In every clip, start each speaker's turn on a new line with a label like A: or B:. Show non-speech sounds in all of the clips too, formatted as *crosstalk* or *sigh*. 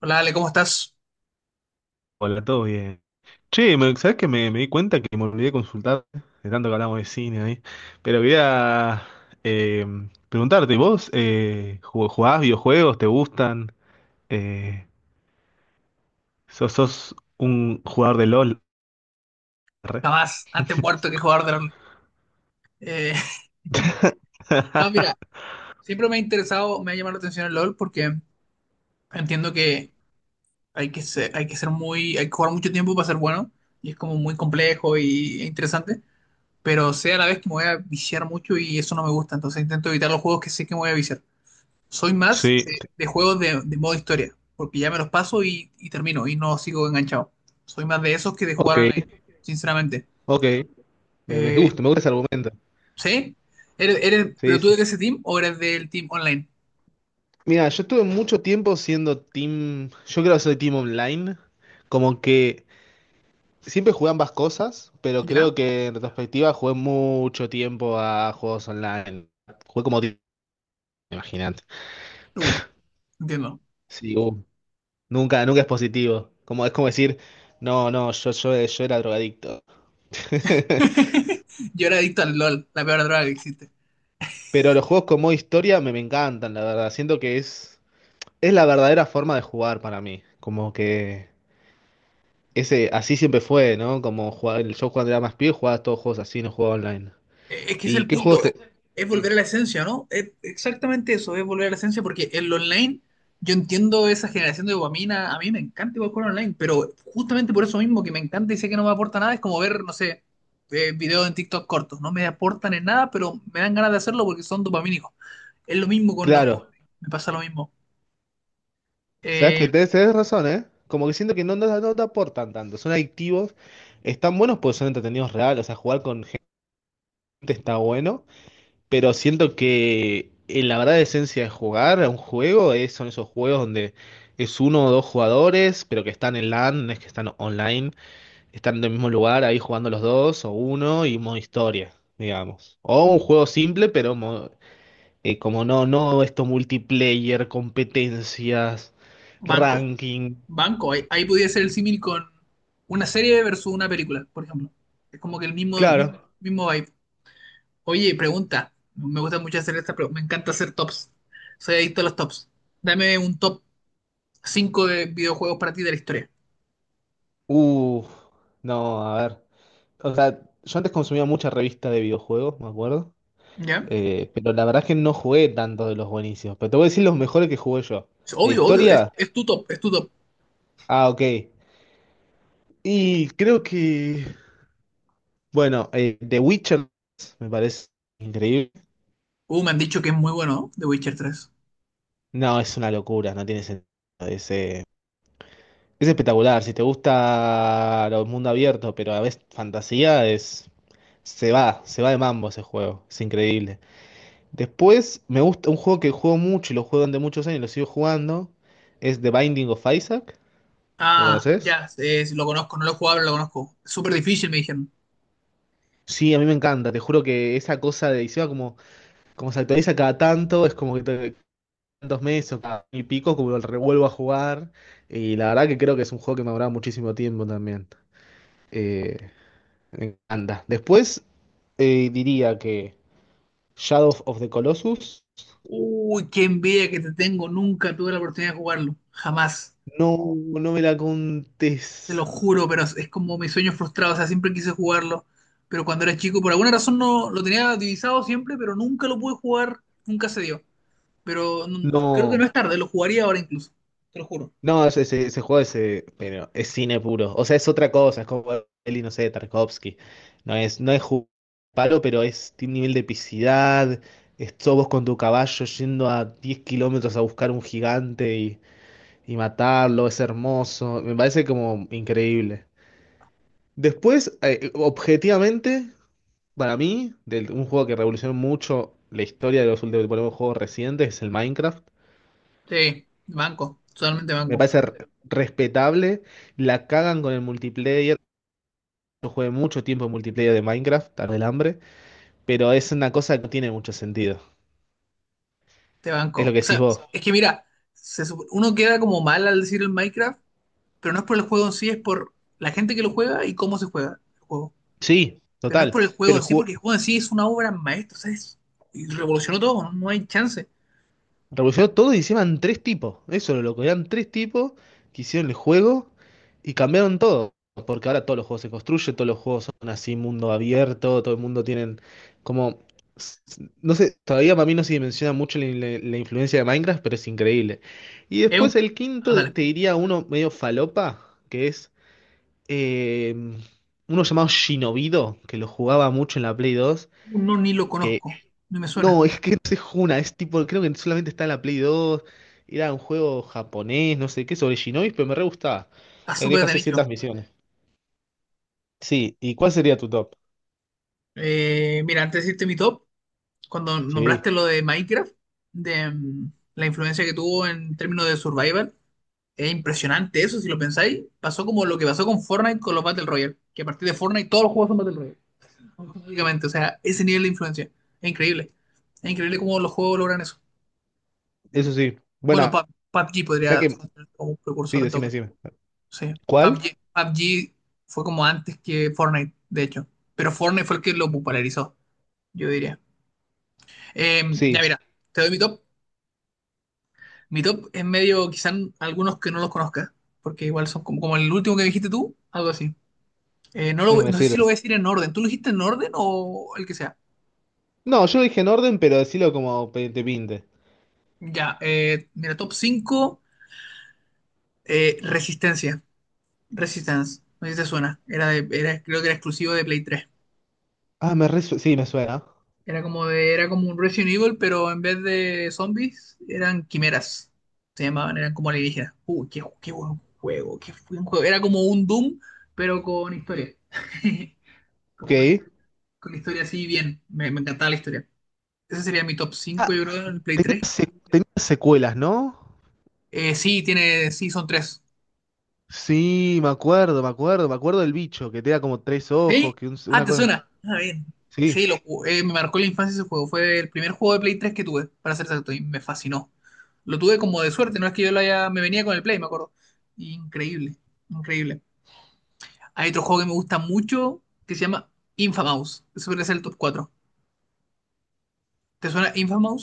A: Hola Ale, ¿cómo estás?
B: Hola, todo bien. Che, ¿sabés que me di cuenta que me olvidé de consultar de tanto que hablamos de cine ahí? Pero quería eh, preguntarte, ¿vos jugás videojuegos? ¿Te gustan? Eh, ¿sos un jugador de LOL? Re.
A: Jamás, antes muerto que jugador de LOL. Eh, *laughs* no,
B: *laughs*
A: mira, siempre me ha interesado, me ha llamado la atención el LOL porque entiendo que hay que ser muy, hay que jugar mucho tiempo para ser bueno y es como muy complejo y e interesante, pero sé a la vez que me voy a viciar mucho y eso no me gusta, entonces intento evitar los juegos que sé que me voy a viciar. Soy más
B: Sí.
A: de juegos de modo historia, porque ya me los paso y termino y no sigo enganchado. Soy más de esos que de jugar
B: Ok,
A: online, sinceramente.
B: ok. Me
A: Eh,
B: gusta, me gusta ese argumento.
A: ¿Sí?
B: Sí,
A: Pero tú
B: sí.
A: de ese team o eres del team online?
B: Mira, yo estuve mucho tiempo siendo team. Yo creo que soy team online. Como que. Siempre jugué ambas cosas, pero
A: ¿Ya?
B: creo que en retrospectiva jugué mucho tiempo a juegos online. Jugué como ti- Imagínate.
A: Uh, entiendo.
B: Sí, nunca, nunca es positivo. Como, es como decir, no, no, yo era drogadicto. *laughs*
A: Yo era adicto al LOL, la peor droga que existe.
B: Pero los juegos con modo historia me encantan, la verdad. Siento que es la verdadera forma de jugar para mí. Como que ese, así siempre fue, ¿no? Como jugar, yo cuando era más pibe jugaba todos juegos así, no jugaba online.
A: Es que es
B: ¿Y
A: el
B: qué
A: punto,
B: juegos te...?
A: es volver
B: Sí.
A: a la esencia, ¿no? Es exactamente eso, es volver a la esencia, porque el online, yo entiendo esa generación de dopamina, a mí me encanta igual jugar online, pero justamente por eso mismo que me encanta y sé que no me aporta nada, es como ver, no sé, videos en TikTok cortos, no me aportan en nada, pero me dan ganas de hacerlo porque son dopamínicos. Es lo mismo con los juegos
B: Claro.
A: online, me pasa lo mismo.
B: Sabes que
A: Eh,
B: tenés razón, ¿eh? Como que siento que no, no, no te aportan tanto. Son adictivos, están buenos porque son entretenidos reales. O sea, jugar con gente está bueno, pero siento que la verdadera esencia de jugar a un juego es, son esos juegos donde es uno o dos jugadores, pero que están en LAN, no es que están online, están en el mismo lugar ahí jugando los dos o uno y modo historia, digamos. O un juego simple, pero como no, no esto multiplayer, competencias
A: banco.
B: ranking.
A: Banco, ahí podría ser el símil con una serie versus una película, por ejemplo. Es como que el
B: Claro.
A: mismo vibe. Oye, pregunta. Me gusta mucho hacer esta, pero me encanta hacer tops. Soy adicto a los tops. Dame un top 5 de videojuegos para ti de la historia.
B: Uh, no, a ver. O sea, yo antes consumía mucha revista de videojuegos, me acuerdo.
A: ¿Ya?
B: Pero la verdad es que no jugué tantos de los buenísimos. Pero te voy a decir los mejores que jugué yo.
A: Es
B: ¿De
A: obvio.
B: historia?
A: Es tu top, es tu top.
B: Ah, ok. Y creo que. Bueno, The Witcher me parece increíble.
A: Me han dicho que es muy bueno, ¿no? The Witcher tres.
B: No, es una locura, no tiene sentido. Es, eh, es espectacular. Si te gusta el mundo abierto, pero a veces fantasía, es. Se va de mambo ese juego. Es increíble. Después me gusta un juego que juego mucho y lo juego durante muchos años y lo sigo jugando. Es The Binding of Isaac. ¿Lo
A: Ah,
B: conoces?
A: ya, lo conozco, no lo he jugado, pero lo conozco. Súper difícil, me dijeron.
B: Sí, a mí me encanta. Te juro que esa cosa de encima como, como se actualiza cada tanto, es como que tantos meses o cada año y pico, como lo revuelvo a jugar. Y la verdad que creo que es un juego que me ha durado muchísimo tiempo también. Eh, me encanta. Después diría que Shadow of the Colossus.
A: Uy, qué envidia que te tengo. Nunca tuve la oportunidad de jugarlo. Jamás.
B: No, no me la contés.
A: Te lo juro, pero es como mi sueño frustrado, o sea, siempre quise jugarlo, pero cuando era chico, por alguna razón no lo tenía divisado siempre, pero nunca lo pude jugar, nunca se dio. Pero mm, creo que no
B: No.
A: es tarde, lo jugaría ahora incluso, te lo juro.
B: No, ese juego es, pero es cine puro. O sea, es otra cosa, es como el, no sé, de Tarkovsky. No es, palo, pero es, tiene un nivel de epicidad. Es sos vos con tu caballo yendo a 10 kilómetros a buscar un gigante y matarlo. Es hermoso. Me parece como increíble. Después, objetivamente, para mí, un juego que revolucionó mucho la historia de los últimos por ejemplo, juegos recientes es el Minecraft.
A: Sí, banco, totalmente
B: Me
A: banco,
B: parece respetable. La cagan con el multiplayer. Yo jugué mucho tiempo en multiplayer de Minecraft, tarde el hambre, pero es una cosa que no tiene mucho sentido.
A: te
B: Es lo
A: banco.
B: que
A: O
B: decís
A: sea,
B: vos.
A: es que mira, uno queda como mal al decir el Minecraft, pero no es por el juego en sí, es por la gente que lo juega y cómo se juega el juego.
B: Sí,
A: Pero no es
B: total.
A: por el
B: Pero
A: juego
B: el
A: en sí,
B: juego
A: porque el juego en sí es una obra maestra, o sea, y revolucionó todo, no hay chance.
B: revolucionó todo y encima en tres tipos. Eso lo loco. Eran tres tipos que hicieron el juego y cambiaron todo. Porque ahora todos los juegos se construyen, todos los juegos son así, mundo abierto, todo el mundo tienen como. No sé, todavía para mí no se dimensiona mucho la influencia de Minecraft, pero es increíble. Y
A: Es un...
B: después el quinto,
A: Ah, dale.
B: te diría uno medio falopa, que es eh, uno llamado Shinobido, que lo jugaba mucho en la Play 2
A: No, ni lo
B: que
A: conozco, no me suena.
B: no, *laughs* es que no se juna, es tipo, creo que solamente está en la Play 2 era un juego japonés, no sé qué, sobre Shinobis, pero me re gustaba.
A: Está súper
B: Deja
A: de nicho.
B: 600 misiones. Sí, ¿y cuál sería tu top?
A: Mira, antes de decirte mi top, cuando
B: Sí,
A: nombraste lo de Minecraft, de mm, la influencia que tuvo en términos de survival, es impresionante eso, si lo pensáis. Pasó como lo que pasó con Fortnite con los Battle Royale, que a partir de Fortnite todos los juegos son Battle Royale, automáticamente. O sea, ese nivel de influencia es increíble. Es increíble cómo los juegos logran eso.
B: eso sí.
A: Bueno,
B: Bueno,
A: PUBG
B: o sea
A: podría
B: que,
A: ser como un
B: sí,
A: precursor de
B: decime,
A: todo.
B: decime.
A: Sí. PUBG
B: ¿Cuál?
A: PUBG fue como antes que Fortnite, de hecho. Pero Fortnite fue el que lo popularizó, yo diría. Ya
B: Sí,
A: mira, te doy mi top. Mi top es medio, quizás algunos que no los conozcas, porque igual son como, como el último que dijiste tú, algo así. No,
B: ese me
A: no sé
B: sirve.
A: si lo voy a decir en orden. ¿Tú lo dijiste en orden o el que sea?
B: No, yo lo dije en orden, pero decilo como te pinte.
A: Ya, mira, top 5 Resistencia. Resistance, no sé si te suena. Era, creo que era exclusivo de Play 3.
B: Ah, me re, sí, me suena.
A: Era como un Resident Evil, pero en vez de zombies, eran quimeras. Se llamaban, eran como alienígenas. Qué buen juego, qué buen juego. Era como un Doom, pero con historia. *laughs* Como con,
B: Ok.
A: histo- con historia así bien. Me encantaba la historia. Ese sería mi top cinco
B: Ah,
A: yo creo, en el Play
B: tenía,
A: 3.
B: tenía secuelas, ¿no?
A: Sí, son tres.
B: Sí, me acuerdo, me acuerdo, me acuerdo del bicho, que tenía como tres ojos,
A: Sí,
B: que
A: ah,
B: una
A: te
B: cosa.
A: suena. Ah, bien.
B: Sí,
A: Sí, me marcó la infancia ese juego. Fue el primer juego de Play 3 que tuve, para ser exacto, y me fascinó. Lo tuve como de suerte, no es que yo lo haya. Me venía con el Play, me acuerdo. Increíble, increíble. Hay otro juego que me gusta mucho que se llama Infamous. Ese podría ser el top cuatro. ¿Te suena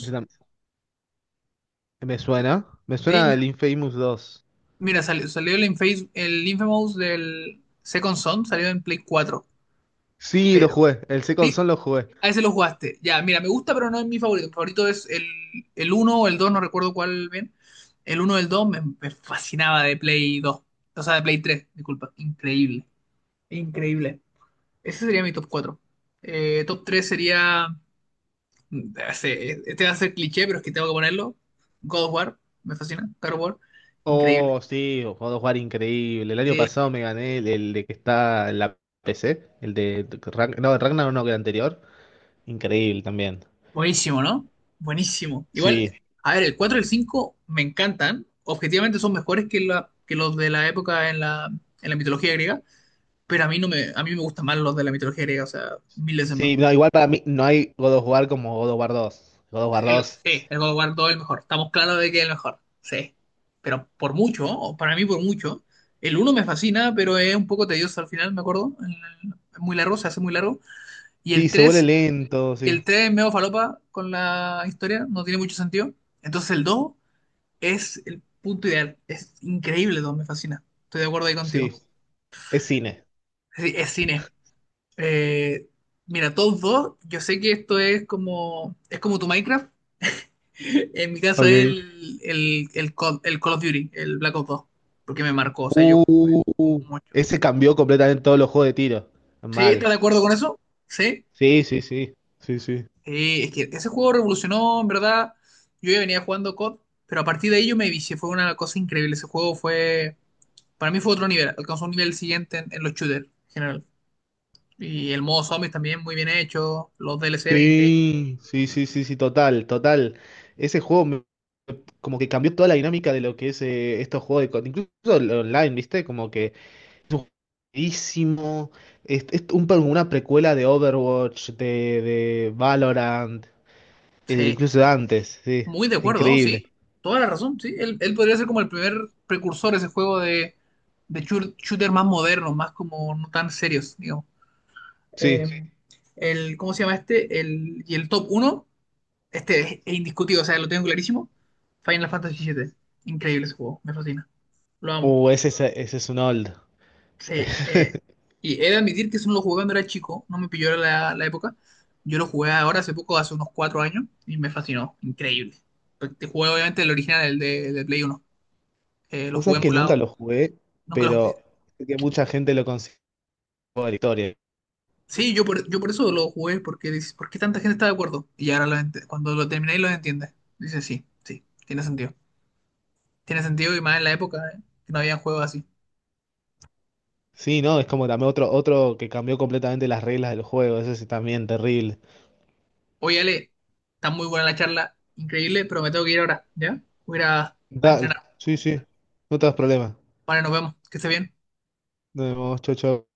B: ese tam- me suena. Me
A: Sí,
B: suena el Infamous dos.
A: mira, salió el Infamous, el Infamous del Second Son, salió en Play cuatro.
B: Sí, lo
A: Pero.
B: jugué. El Second
A: Sí,
B: Son lo jugué.
A: a ese lo jugaste. Ya, mira, me gusta, pero no es mi favorito. Mi favorito es el uno o el 2, no recuerdo cuál bien. El uno, o el 2 me fascinaba de Play 2. O sea, de Play 3, disculpa. Increíble. Increíble. Ese sería mi top 4. Top 3 sería. Este va a ser cliché, pero es que tengo que ponerlo. God of War, me fascina. God of War, increíble.
B: Oh, sí, lo puedo jugar increíble. El año
A: Eh,
B: pasado me gané el de que está en la PC, el de Ragnar, no, el Ragnar no, que el anterior. Increíble también.
A: Buenísimo, ¿no? Buenísimo. Igual,
B: Sí,
A: a ver, el 4 y el 5 me encantan. Objetivamente son mejores que, que los de la época en en la mitología griega, pero a mí no me, a mí me gustan más los de la mitología griega, o sea, mil veces más.
B: sí, no, igual para mí no hay God of War como God of War dos. God of War dos.
A: Sí, el God of War 2 es el mejor. Estamos claros de que es el mejor. Sí. Pero por mucho, o para mí por mucho. El uno me fascina, pero es un poco tedioso al final, me acuerdo. Es muy largo, se hace muy largo. Y
B: Sí,
A: el
B: se vuelve
A: 3
B: lento, sí.
A: el 3 es medio falopa con la historia, no tiene mucho sentido. Entonces el 2 es el punto ideal. Es increíble, dos, me fascina. Estoy de acuerdo ahí contigo.
B: Sí, es cine.
A: Es cine. Eh, mira, todos dos, yo sé que esto es como tu Minecraft. *laughs* En mi caso es
B: Ok.
A: el Call of Duty, el Black Ops dos porque me marcó. O sea, yo jugué
B: Uh,
A: eso mucho.
B: ese cambió completamente todos los juegos de tiro.
A: ¿Sí? ¿Estás
B: Mal.
A: de acuerdo con eso? Sí.
B: Sí, sí, sí. Sí, sí.
A: Sí, es que ese juego revolucionó, en verdad. Yo ya venía jugando COD, pero a partir de ahí yo me vicié. Fue una cosa increíble. Ese juego fue, para mí fue otro nivel. Alcanzó un nivel siguiente en los shooters en general. Y el modo zombies también muy bien hecho. Los DLC eran increíbles.
B: Sí, sí, sí, sí, sí, total, total. Ese juego me- como que cambió toda la dinámica de lo que es estos juegos de... Incluso el online, ¿viste? Como que es un jueguísimo. Es un una precuela de Overwatch, de Valorant,
A: Sí,
B: incluso de antes, sí.
A: muy de acuerdo,
B: Increíble.
A: sí. Toda la razón, sí. Él podría ser como el primer precursor de ese juego de, shooter más modernos, más como no tan serios, digamos.
B: Sí.
A: Sí. el, ¿cómo se llama este? El, y el top uno este es indiscutido, o sea, lo tengo clarísimo. Final Fantasy siete. Increíble ese juego, me fascina. Lo amo.
B: Ese, ese es un old.
A: Sí, y he de admitir que eso no lo jugué cuando era chico, no me pilló la época. Yo lo jugué ahora hace poco, hace unos cuatro años, y me fascinó, increíble. Pero te jugué obviamente el original, el de Play uno. Lo
B: Vos
A: jugué
B: sabés que
A: emulado,
B: nunca lo jugué,
A: nunca lo jugué.
B: pero sé que mucha gente lo considera juego de la historia.
A: Sí, yo por eso lo jugué, porque dices, ¿por qué tanta gente está de acuerdo? Y ahora cuando lo terminé y lo entiendes, dices, sí, sí, tiene sentido. Tiene sentido y más en la época, que no había juegos así.
B: Sí, ¿no? Es como también otro, otro que cambió completamente las reglas del juego. Ese es también terrible.
A: Oye, Ale, está muy buena la charla, increíble, pero me tengo que ir ahora, ¿ya? Voy a ir a
B: Dale,
A: entrenar.
B: sí, sí. No te das problema.
A: Vale, nos vemos, que esté bien.
B: Nos vemos, chau, chau.